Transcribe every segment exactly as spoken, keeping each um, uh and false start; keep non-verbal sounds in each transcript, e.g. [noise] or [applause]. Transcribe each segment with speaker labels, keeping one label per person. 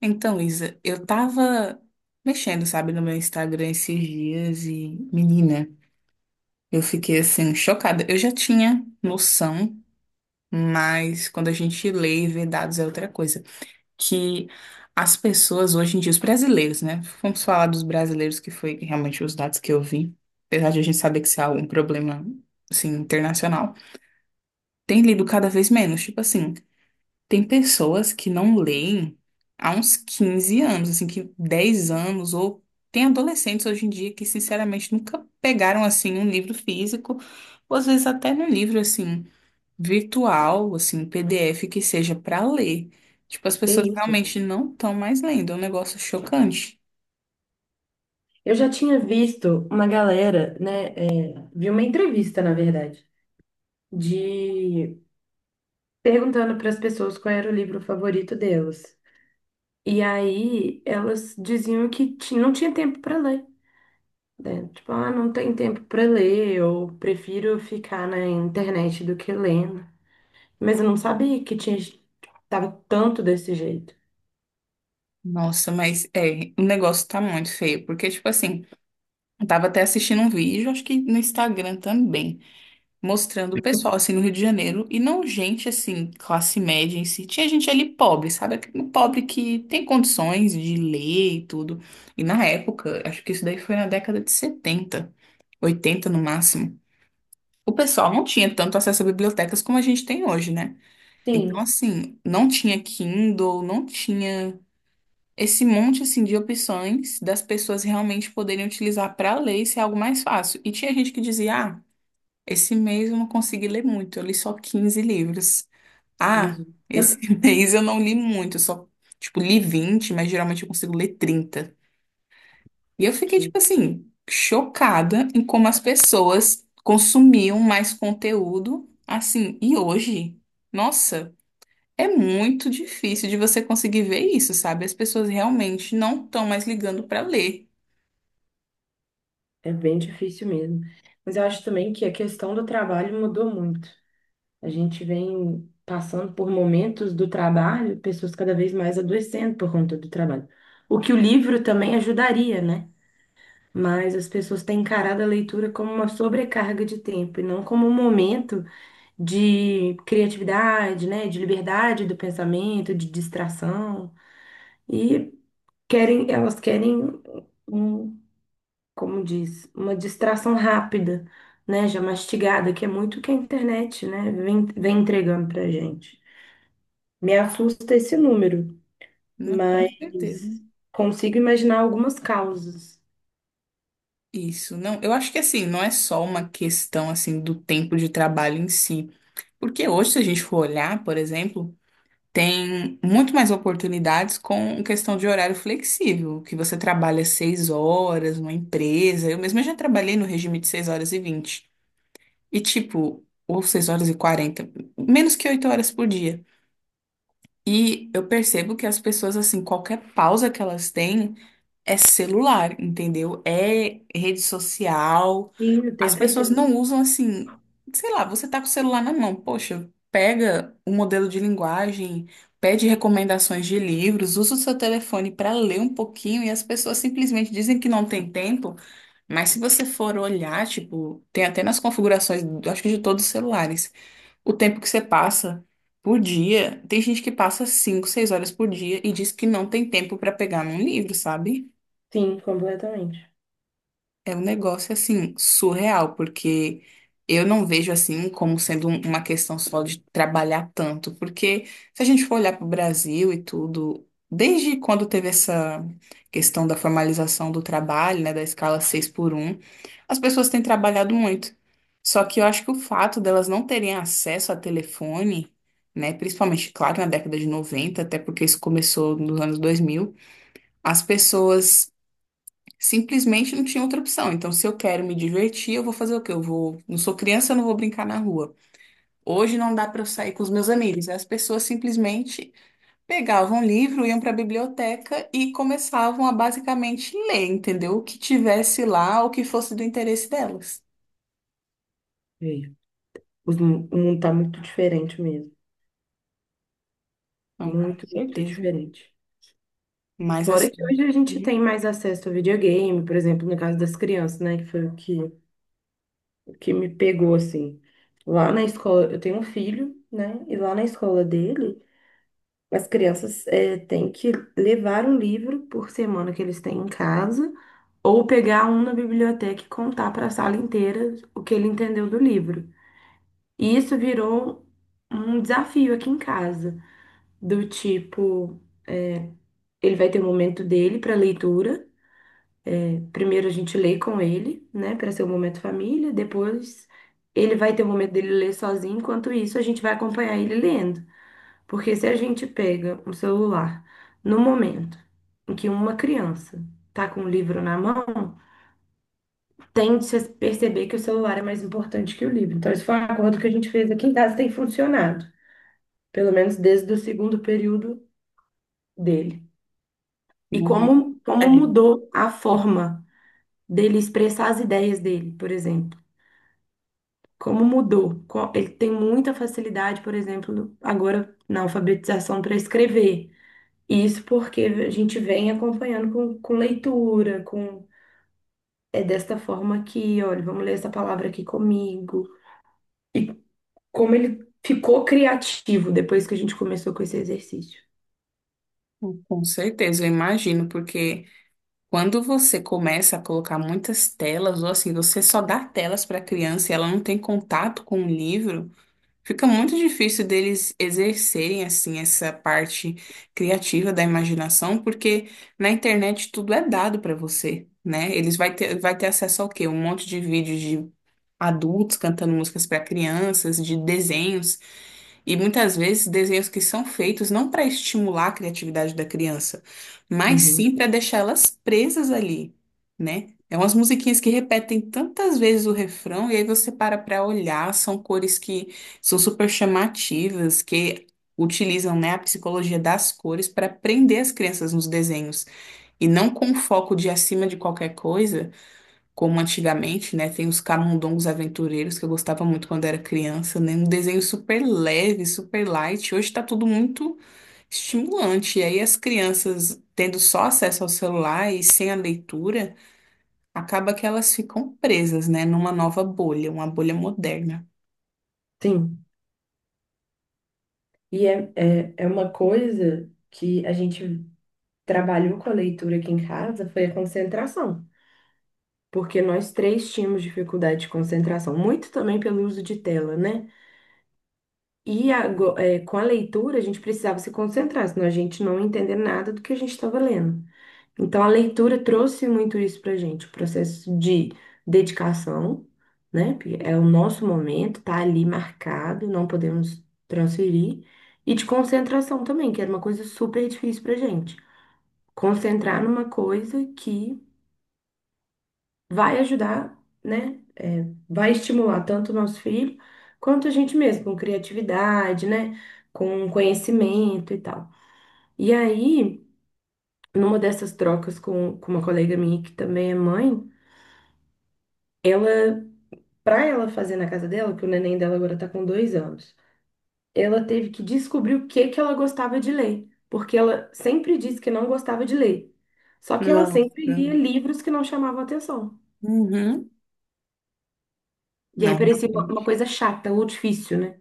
Speaker 1: Então, Isa, eu tava mexendo, sabe, no meu Instagram esses dias e, menina, eu fiquei assim, chocada. Eu já tinha noção, mas quando a gente lê e vê dados é outra coisa. Que as pessoas hoje em dia, os brasileiros, né? Vamos falar dos brasileiros, que foi realmente os dados que eu vi. Apesar de a gente saber que isso é um problema, assim, internacional, tem lido cada vez menos. Tipo assim. Tem pessoas que não leem há uns quinze anos, assim, que dez anos, ou tem adolescentes hoje em dia que, sinceramente, nunca pegaram, assim, um livro físico, ou às vezes até num livro, assim, virtual, assim, P D F que seja para ler. Tipo, as
Speaker 2: Que
Speaker 1: pessoas
Speaker 2: isso?
Speaker 1: realmente não estão mais lendo, é um negócio chocante.
Speaker 2: Eu já tinha visto uma galera, né? É, vi uma entrevista, na verdade, de perguntando para as pessoas qual era o livro favorito delas. E aí elas diziam que ti- não tinha tempo para ler, né? Tipo, ah, não tem tempo para ler, eu prefiro ficar na internet do que lendo. Mas eu não sabia que tinha tava tanto desse jeito.
Speaker 1: Nossa, mas é, o negócio tá muito feio, porque, tipo assim, eu tava até assistindo um vídeo, acho que no Instagram também mostrando o pessoal assim no Rio de Janeiro e não gente assim, classe média em si. Tinha gente ali pobre, sabe? Aquele pobre que tem condições de ler e tudo. E na época, acho que isso daí foi na década de setenta, oitenta no máximo. O pessoal não tinha tanto acesso a bibliotecas como a gente tem hoje, né? Então,
Speaker 2: Sim,
Speaker 1: assim, não tinha Kindle, não tinha esse monte assim de opções das pessoas realmente poderem utilizar para ler e ser algo mais fácil. E tinha gente que dizia, ah, esse mês eu não consegui ler muito, eu li só quinze livros. Ah,
Speaker 2: Jesus.
Speaker 1: esse [laughs]
Speaker 2: [laughs]
Speaker 1: mês eu não li muito, eu só, tipo, li vinte, mas geralmente eu consigo ler trinta. E eu fiquei,
Speaker 2: Que
Speaker 1: tipo assim, chocada em como as pessoas consumiam mais conteúdo, assim, e hoje, nossa, é muito difícil de você conseguir ver isso, sabe? As pessoas realmente não estão mais ligando para ler,
Speaker 2: É bem difícil mesmo. Mas eu acho também que a questão do trabalho mudou muito. A gente vem passando por momentos do trabalho, pessoas cada vez mais adoecendo por conta do trabalho. O que o livro também ajudaria, né? Mas as pessoas têm encarado a leitura como uma sobrecarga de tempo e não como um momento de criatividade, né? De liberdade do pensamento, de distração. E querem, elas querem um, como diz, uma distração rápida, né? Já mastigada, que é muito o que a internet, né? Vem, vem entregando pra gente. Me assusta esse número,
Speaker 1: né? Com
Speaker 2: mas
Speaker 1: certeza.
Speaker 2: consigo imaginar algumas causas.
Speaker 1: Isso, não, eu acho que assim, não é só uma questão assim do tempo de trabalho em si, porque hoje, se a gente for olhar, por exemplo, tem muito mais oportunidades com questão de horário flexível, que você trabalha seis horas numa empresa. Eu mesma já trabalhei no regime de seis horas e vinte, e tipo, ou seis horas e quarenta, menos que oito horas por dia. E eu percebo que as pessoas, assim, qualquer pausa que elas têm é celular, entendeu? É rede social.
Speaker 2: E o
Speaker 1: As
Speaker 2: tempo
Speaker 1: pessoas
Speaker 2: inteiro.
Speaker 1: não usam assim, sei lá, você tá com o celular na mão, poxa, pega o modelo de linguagem, pede recomendações de livros, usa o seu telefone para ler um pouquinho e as pessoas simplesmente dizem que não tem tempo, mas se você for olhar, tipo, tem até nas configurações, acho que de todos os celulares, o tempo que você passa por dia, tem gente que passa cinco, seis horas por dia e diz que não tem tempo para pegar num livro, sabe?
Speaker 2: Sim, completamente.
Speaker 1: É um negócio assim surreal, porque eu não vejo assim como sendo um- uma questão só de trabalhar tanto, porque se a gente for olhar para o Brasil e tudo, desde quando teve essa questão da formalização do trabalho, né, da escala seis por um, as pessoas têm trabalhado muito. Só que eu acho que o fato delas não terem acesso a telefone, né, principalmente, claro, na década de noventa, até porque isso começou nos anos dois mil, as pessoas simplesmente não tinha outra opção. Então, se eu quero me divertir, eu vou fazer o quê? Eu vou. Não sou criança, eu não vou brincar na rua. Hoje não dá para eu sair com os meus amigos. As pessoas simplesmente pegavam um livro, iam para a biblioteca e começavam a basicamente ler, entendeu? O que tivesse lá, o que fosse do interesse delas.
Speaker 2: Veio. Os mu- O mundo tá muito diferente mesmo.
Speaker 1: Então, com
Speaker 2: Muito, muito
Speaker 1: certeza.
Speaker 2: diferente.
Speaker 1: Mas
Speaker 2: Fora
Speaker 1: assim.
Speaker 2: que hoje a gente
Speaker 1: Uhum,
Speaker 2: tem mais acesso ao videogame, por exemplo, no caso das crianças, né? Que foi o que, o que me pegou, assim. Lá na escola, eu tenho um filho, né? E lá na escola dele. As crianças eh, têm que levar um livro por semana que eles têm em casa, ou pegar um na biblioteca e contar para a sala inteira o que ele entendeu do livro. E isso virou um desafio aqui em casa, do tipo, ele vai ter o momento dele para leitura. Né? Primeiro a gente lê com ele, né, para ser o momento família, depois ele vai ter o momento dele ler sozinho, enquanto isso a gente vai acompanhar ele lendo. Porque se a gente pega um celular no momento em que uma criança está com o livro na mão, tende a perceber que o celular é mais importante que o livro. Então, esse foi um acordo que a gente fez aqui em casa, tem funcionado, pelo menos desde o segundo período dele. E
Speaker 1: uhum.
Speaker 2: como, como
Speaker 1: É,
Speaker 2: mudou a forma dele expressar as ideias dele, por exemplo. Como mudou? Co- Ele tem muita facilidade, por exemplo, agora na alfabetização para escrever. Isso porque a gente vem acompanhando com, com leitura, com é desta forma aqui, olha, vamos ler essa palavra aqui comigo. E como ele ficou criativo depois que a gente começou com esse exercício.
Speaker 1: com certeza, eu imagino, porque. Quando você começa a colocar muitas telas, ou assim, você só dá telas para a criança e ela não tem contato com o livro, fica muito difícil deles exercerem, assim, essa parte criativa da imaginação, porque na internet tudo é dado para você, né? Eles vai ter, vai ter acesso ao quê? Um monte de vídeos de adultos cantando músicas para crianças, de desenhos. E muitas vezes desenhos que são feitos não para estimular a criatividade da criança, mas
Speaker 2: Uhum.
Speaker 1: sim para deixá-las presas ali, né? É umas musiquinhas que repetem tantas vezes o refrão, e aí você para para olhar, são cores que são super chamativas, que utilizam, né, a psicologia das cores para prender as crianças nos desenhos. E não com um foco de acima de qualquer coisa como antigamente, né? Tem os camundongos aventureiros que eu gostava muito quando era criança, né? Um desenho super leve, super light. Hoje tá tudo muito estimulante. E aí as crianças tendo só acesso ao celular e sem a leitura, acaba que elas ficam presas, né? Numa nova bolha, uma bolha moderna.
Speaker 2: Sim. E é, é, é uma coisa que a gente trabalhou com a leitura aqui em casa, foi a concentração. Porque nós três tínhamos dificuldade de concentração, muito também pelo uso de tela, né? E ago- eh, com a leitura, a gente precisava se concentrar, senão a gente não ia entender nada do que a gente estava lendo. Então, a leitura trouxe muito isso para a gente, o processo de dedicação, né? Porque é o nosso momento, tá ali marcado, não podemos transferir. E de concentração também, que era uma coisa super difícil para gente. Concentrar numa coisa que vai ajudar, né? É, vai estimular tanto o nosso filho quanto a gente mesmo, com criatividade, né? Com conhecimento e tal. E aí, numa dessas trocas com, com uma colega minha que também é mãe, ela, pra ela fazer na casa dela, que o neném dela agora tá com dois anos, ela teve que descobrir o que que ela gostava de ler, porque ela sempre disse que não gostava de ler. Só que ela
Speaker 1: Nossa.
Speaker 2: sempre lia livros que não chamavam atenção.
Speaker 1: Uhum.
Speaker 2: E aí
Speaker 1: Não,
Speaker 2: parecia uma uma
Speaker 1: realmente.
Speaker 2: coisa chata ou difícil, né?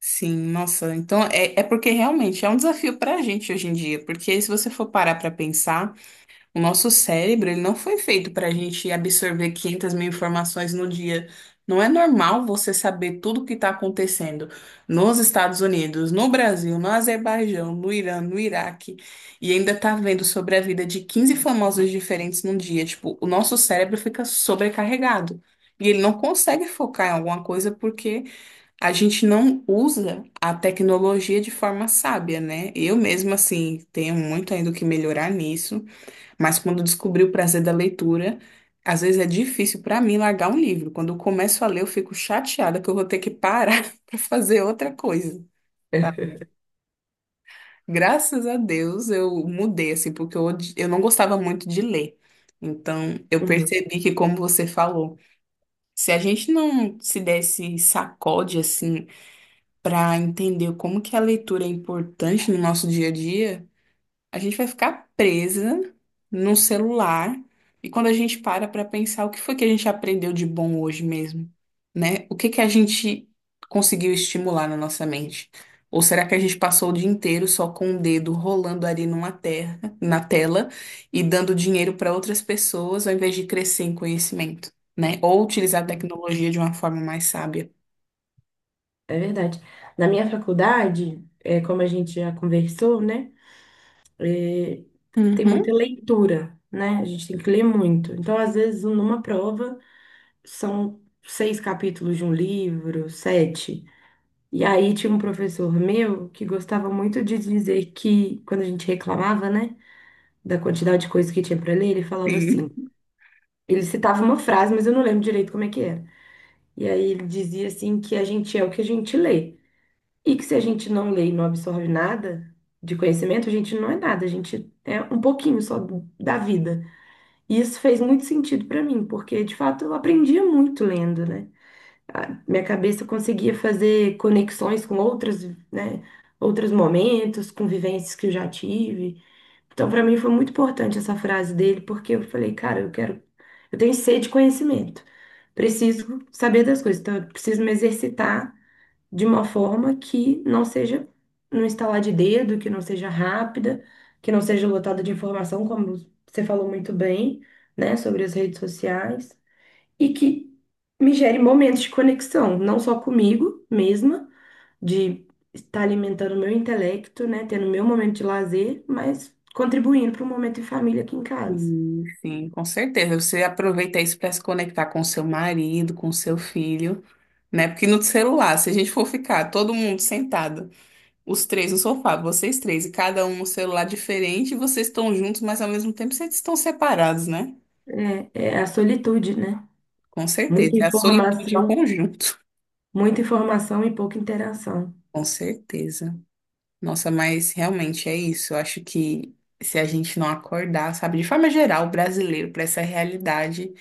Speaker 1: Sim, nossa. Então é, é porque realmente é um desafio para a gente hoje em dia, porque se você for parar para pensar. O nosso cérebro, ele não foi feito para a gente absorver quinhentas mil informações no dia. Não é normal você saber tudo o que está acontecendo nos Estados Unidos, no Brasil, no Azerbaijão, no Irã, no Iraque, e ainda tá vendo sobre a vida de quinze famosos diferentes num dia. Tipo, o nosso cérebro fica sobrecarregado. E ele não consegue focar em alguma coisa porque a gente não usa a tecnologia de forma sábia, né? Eu mesma, assim, tenho muito ainda o que melhorar nisso. Mas quando eu descobri o prazer da leitura, às vezes é difícil para mim largar um livro. Quando eu começo a ler, eu fico chateada que eu vou ter que parar [laughs] para fazer outra coisa. Sabe? Graças a Deus eu mudei, assim, porque eu, odi- eu não gostava muito de ler. Então, eu
Speaker 2: Uhum,
Speaker 1: percebi que, como você falou, se a gente não se desse sacode, assim, para entender como que a leitura é importante no nosso dia a dia. A gente vai ficar presa num celular e quando a gente para para pensar o que foi que a gente aprendeu de bom hoje mesmo, né? O que que a gente conseguiu estimular na nossa mente? Ou será que a gente passou o dia inteiro só com o dedo rolando ali numa terra, na tela e dando dinheiro para outras pessoas ao invés de crescer em conhecimento, né? Ou utilizar a
Speaker 2: uhum.
Speaker 1: tecnologia de uma forma mais sábia?
Speaker 2: É verdade. Na minha faculdade, é, como a gente já conversou, né? é, Tem
Speaker 1: Uhum.
Speaker 2: muita leitura, né? A gente tem que ler muito. Então, às vezes, numa prova, são seis capítulos de um livro, sete. E aí tinha um professor meu que gostava muito de dizer que, quando a gente reclamava, né? Da quantidade de coisas que tinha para ler, ele falava
Speaker 1: Sim.
Speaker 2: assim. Ele citava uma frase, mas eu não lembro direito como é que era. E aí ele dizia assim que a gente é o que a gente lê. E que se a gente não lê e não absorve nada de conhecimento, a gente não é nada, a gente é um pouquinho só do- da vida. E isso fez muito sentido para mim, porque de fato eu aprendia muito lendo, né? A minha cabeça conseguia fazer conexões com outras, né, outros momentos, com vivências que eu já tive. Então, para mim foi muito importante essa frase dele, porque eu falei, cara, eu quero, eu tenho sede de conhecimento. Preciso saber das coisas, então eu preciso me exercitar de uma forma que não seja no instalar de dedo, que não seja rápida, que não seja lotada de informação, como você falou muito bem, né, sobre as redes sociais, e que me gere momentos de conexão, não só comigo mesma, de estar alimentando o meu intelecto, né, tendo meu momento de lazer, mas contribuindo para um momento em família aqui em casa.
Speaker 1: Sim, sim, com certeza. Você aproveita isso para se conectar com seu marido, com seu filho, né? Porque no celular, se a gente for ficar todo mundo sentado, os três no sofá, vocês três, e cada um no celular diferente, vocês estão juntos, mas ao mesmo tempo vocês estão separados, né?
Speaker 2: É, é a solitude, né?
Speaker 1: Com
Speaker 2: Muita
Speaker 1: certeza. É a solitude em
Speaker 2: informação,
Speaker 1: conjunto.
Speaker 2: muita informação e pouca interação.
Speaker 1: Com certeza. Nossa, mas realmente é isso. Eu acho que se a gente não acordar, sabe, de forma geral, o brasileiro, para essa realidade.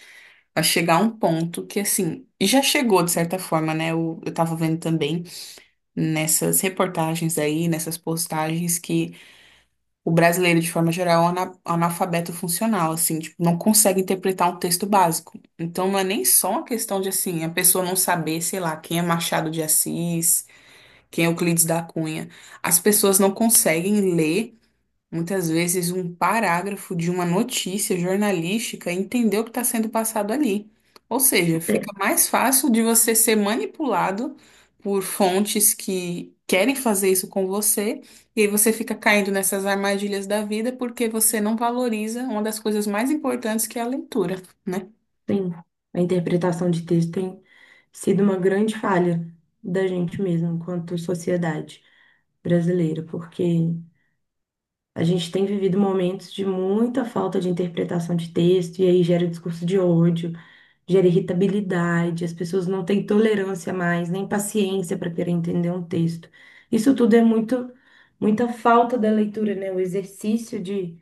Speaker 1: A chegar a um ponto que, assim, e já chegou de certa forma, né? Eu, eu tava vendo também nessas reportagens aí, nessas postagens, que o brasileiro, de forma geral, é um ana- analfabeto funcional, assim, tipo, não consegue interpretar um texto básico. Então, não é nem só uma questão de, assim, a pessoa não saber, sei lá, quem é Machado de Assis, quem é Euclides da Cunha. As pessoas não conseguem ler. Muitas vezes, um parágrafo de uma notícia jornalística, entender o que está sendo passado ali. Ou seja, fica
Speaker 2: É,
Speaker 1: mais fácil de você ser manipulado por fontes que querem fazer isso com você, e aí você fica caindo nessas armadilhas da vida porque você não valoriza uma das coisas mais importantes, que é a leitura, né?
Speaker 2: sim. A interpretação de texto tem sido uma grande falha da gente mesmo, enquanto sociedade brasileira, porque a gente tem vivido momentos de muita falta de interpretação de texto, e aí gera discurso de ódio, gera irritabilidade, as pessoas não têm tolerância mais, nem paciência para querer entender um texto. Isso tudo é muito, muita falta da leitura, né? O exercício de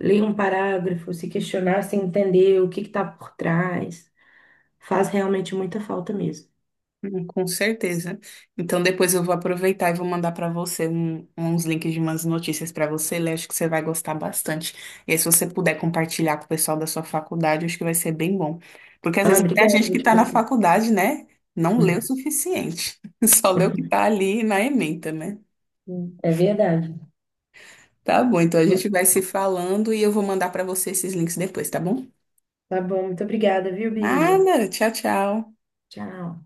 Speaker 2: ler um parágrafo, se questionar, se entender o que está por trás. Faz realmente muita falta mesmo.
Speaker 1: Hum, com certeza. Então depois eu vou aproveitar e vou mandar para você um- uns links de umas notícias para você ler. Acho que você vai gostar bastante. E aí, se você puder compartilhar com o pessoal da sua faculdade, acho que vai ser bem bom. Porque às
Speaker 2: Ah,
Speaker 1: vezes até a
Speaker 2: obrigada,
Speaker 1: gente que
Speaker 2: muito.
Speaker 1: está na faculdade, né, não lê o
Speaker 2: [laughs]
Speaker 1: suficiente. [laughs] Só lê o que está ali na ementa, né?
Speaker 2: É verdade.
Speaker 1: Tá bom, então a gente vai se falando e eu vou mandar para você esses links depois, tá bom?
Speaker 2: Tá bom, muito obrigada, viu, Bia?
Speaker 1: Nada, tchau, tchau.
Speaker 2: Tchau.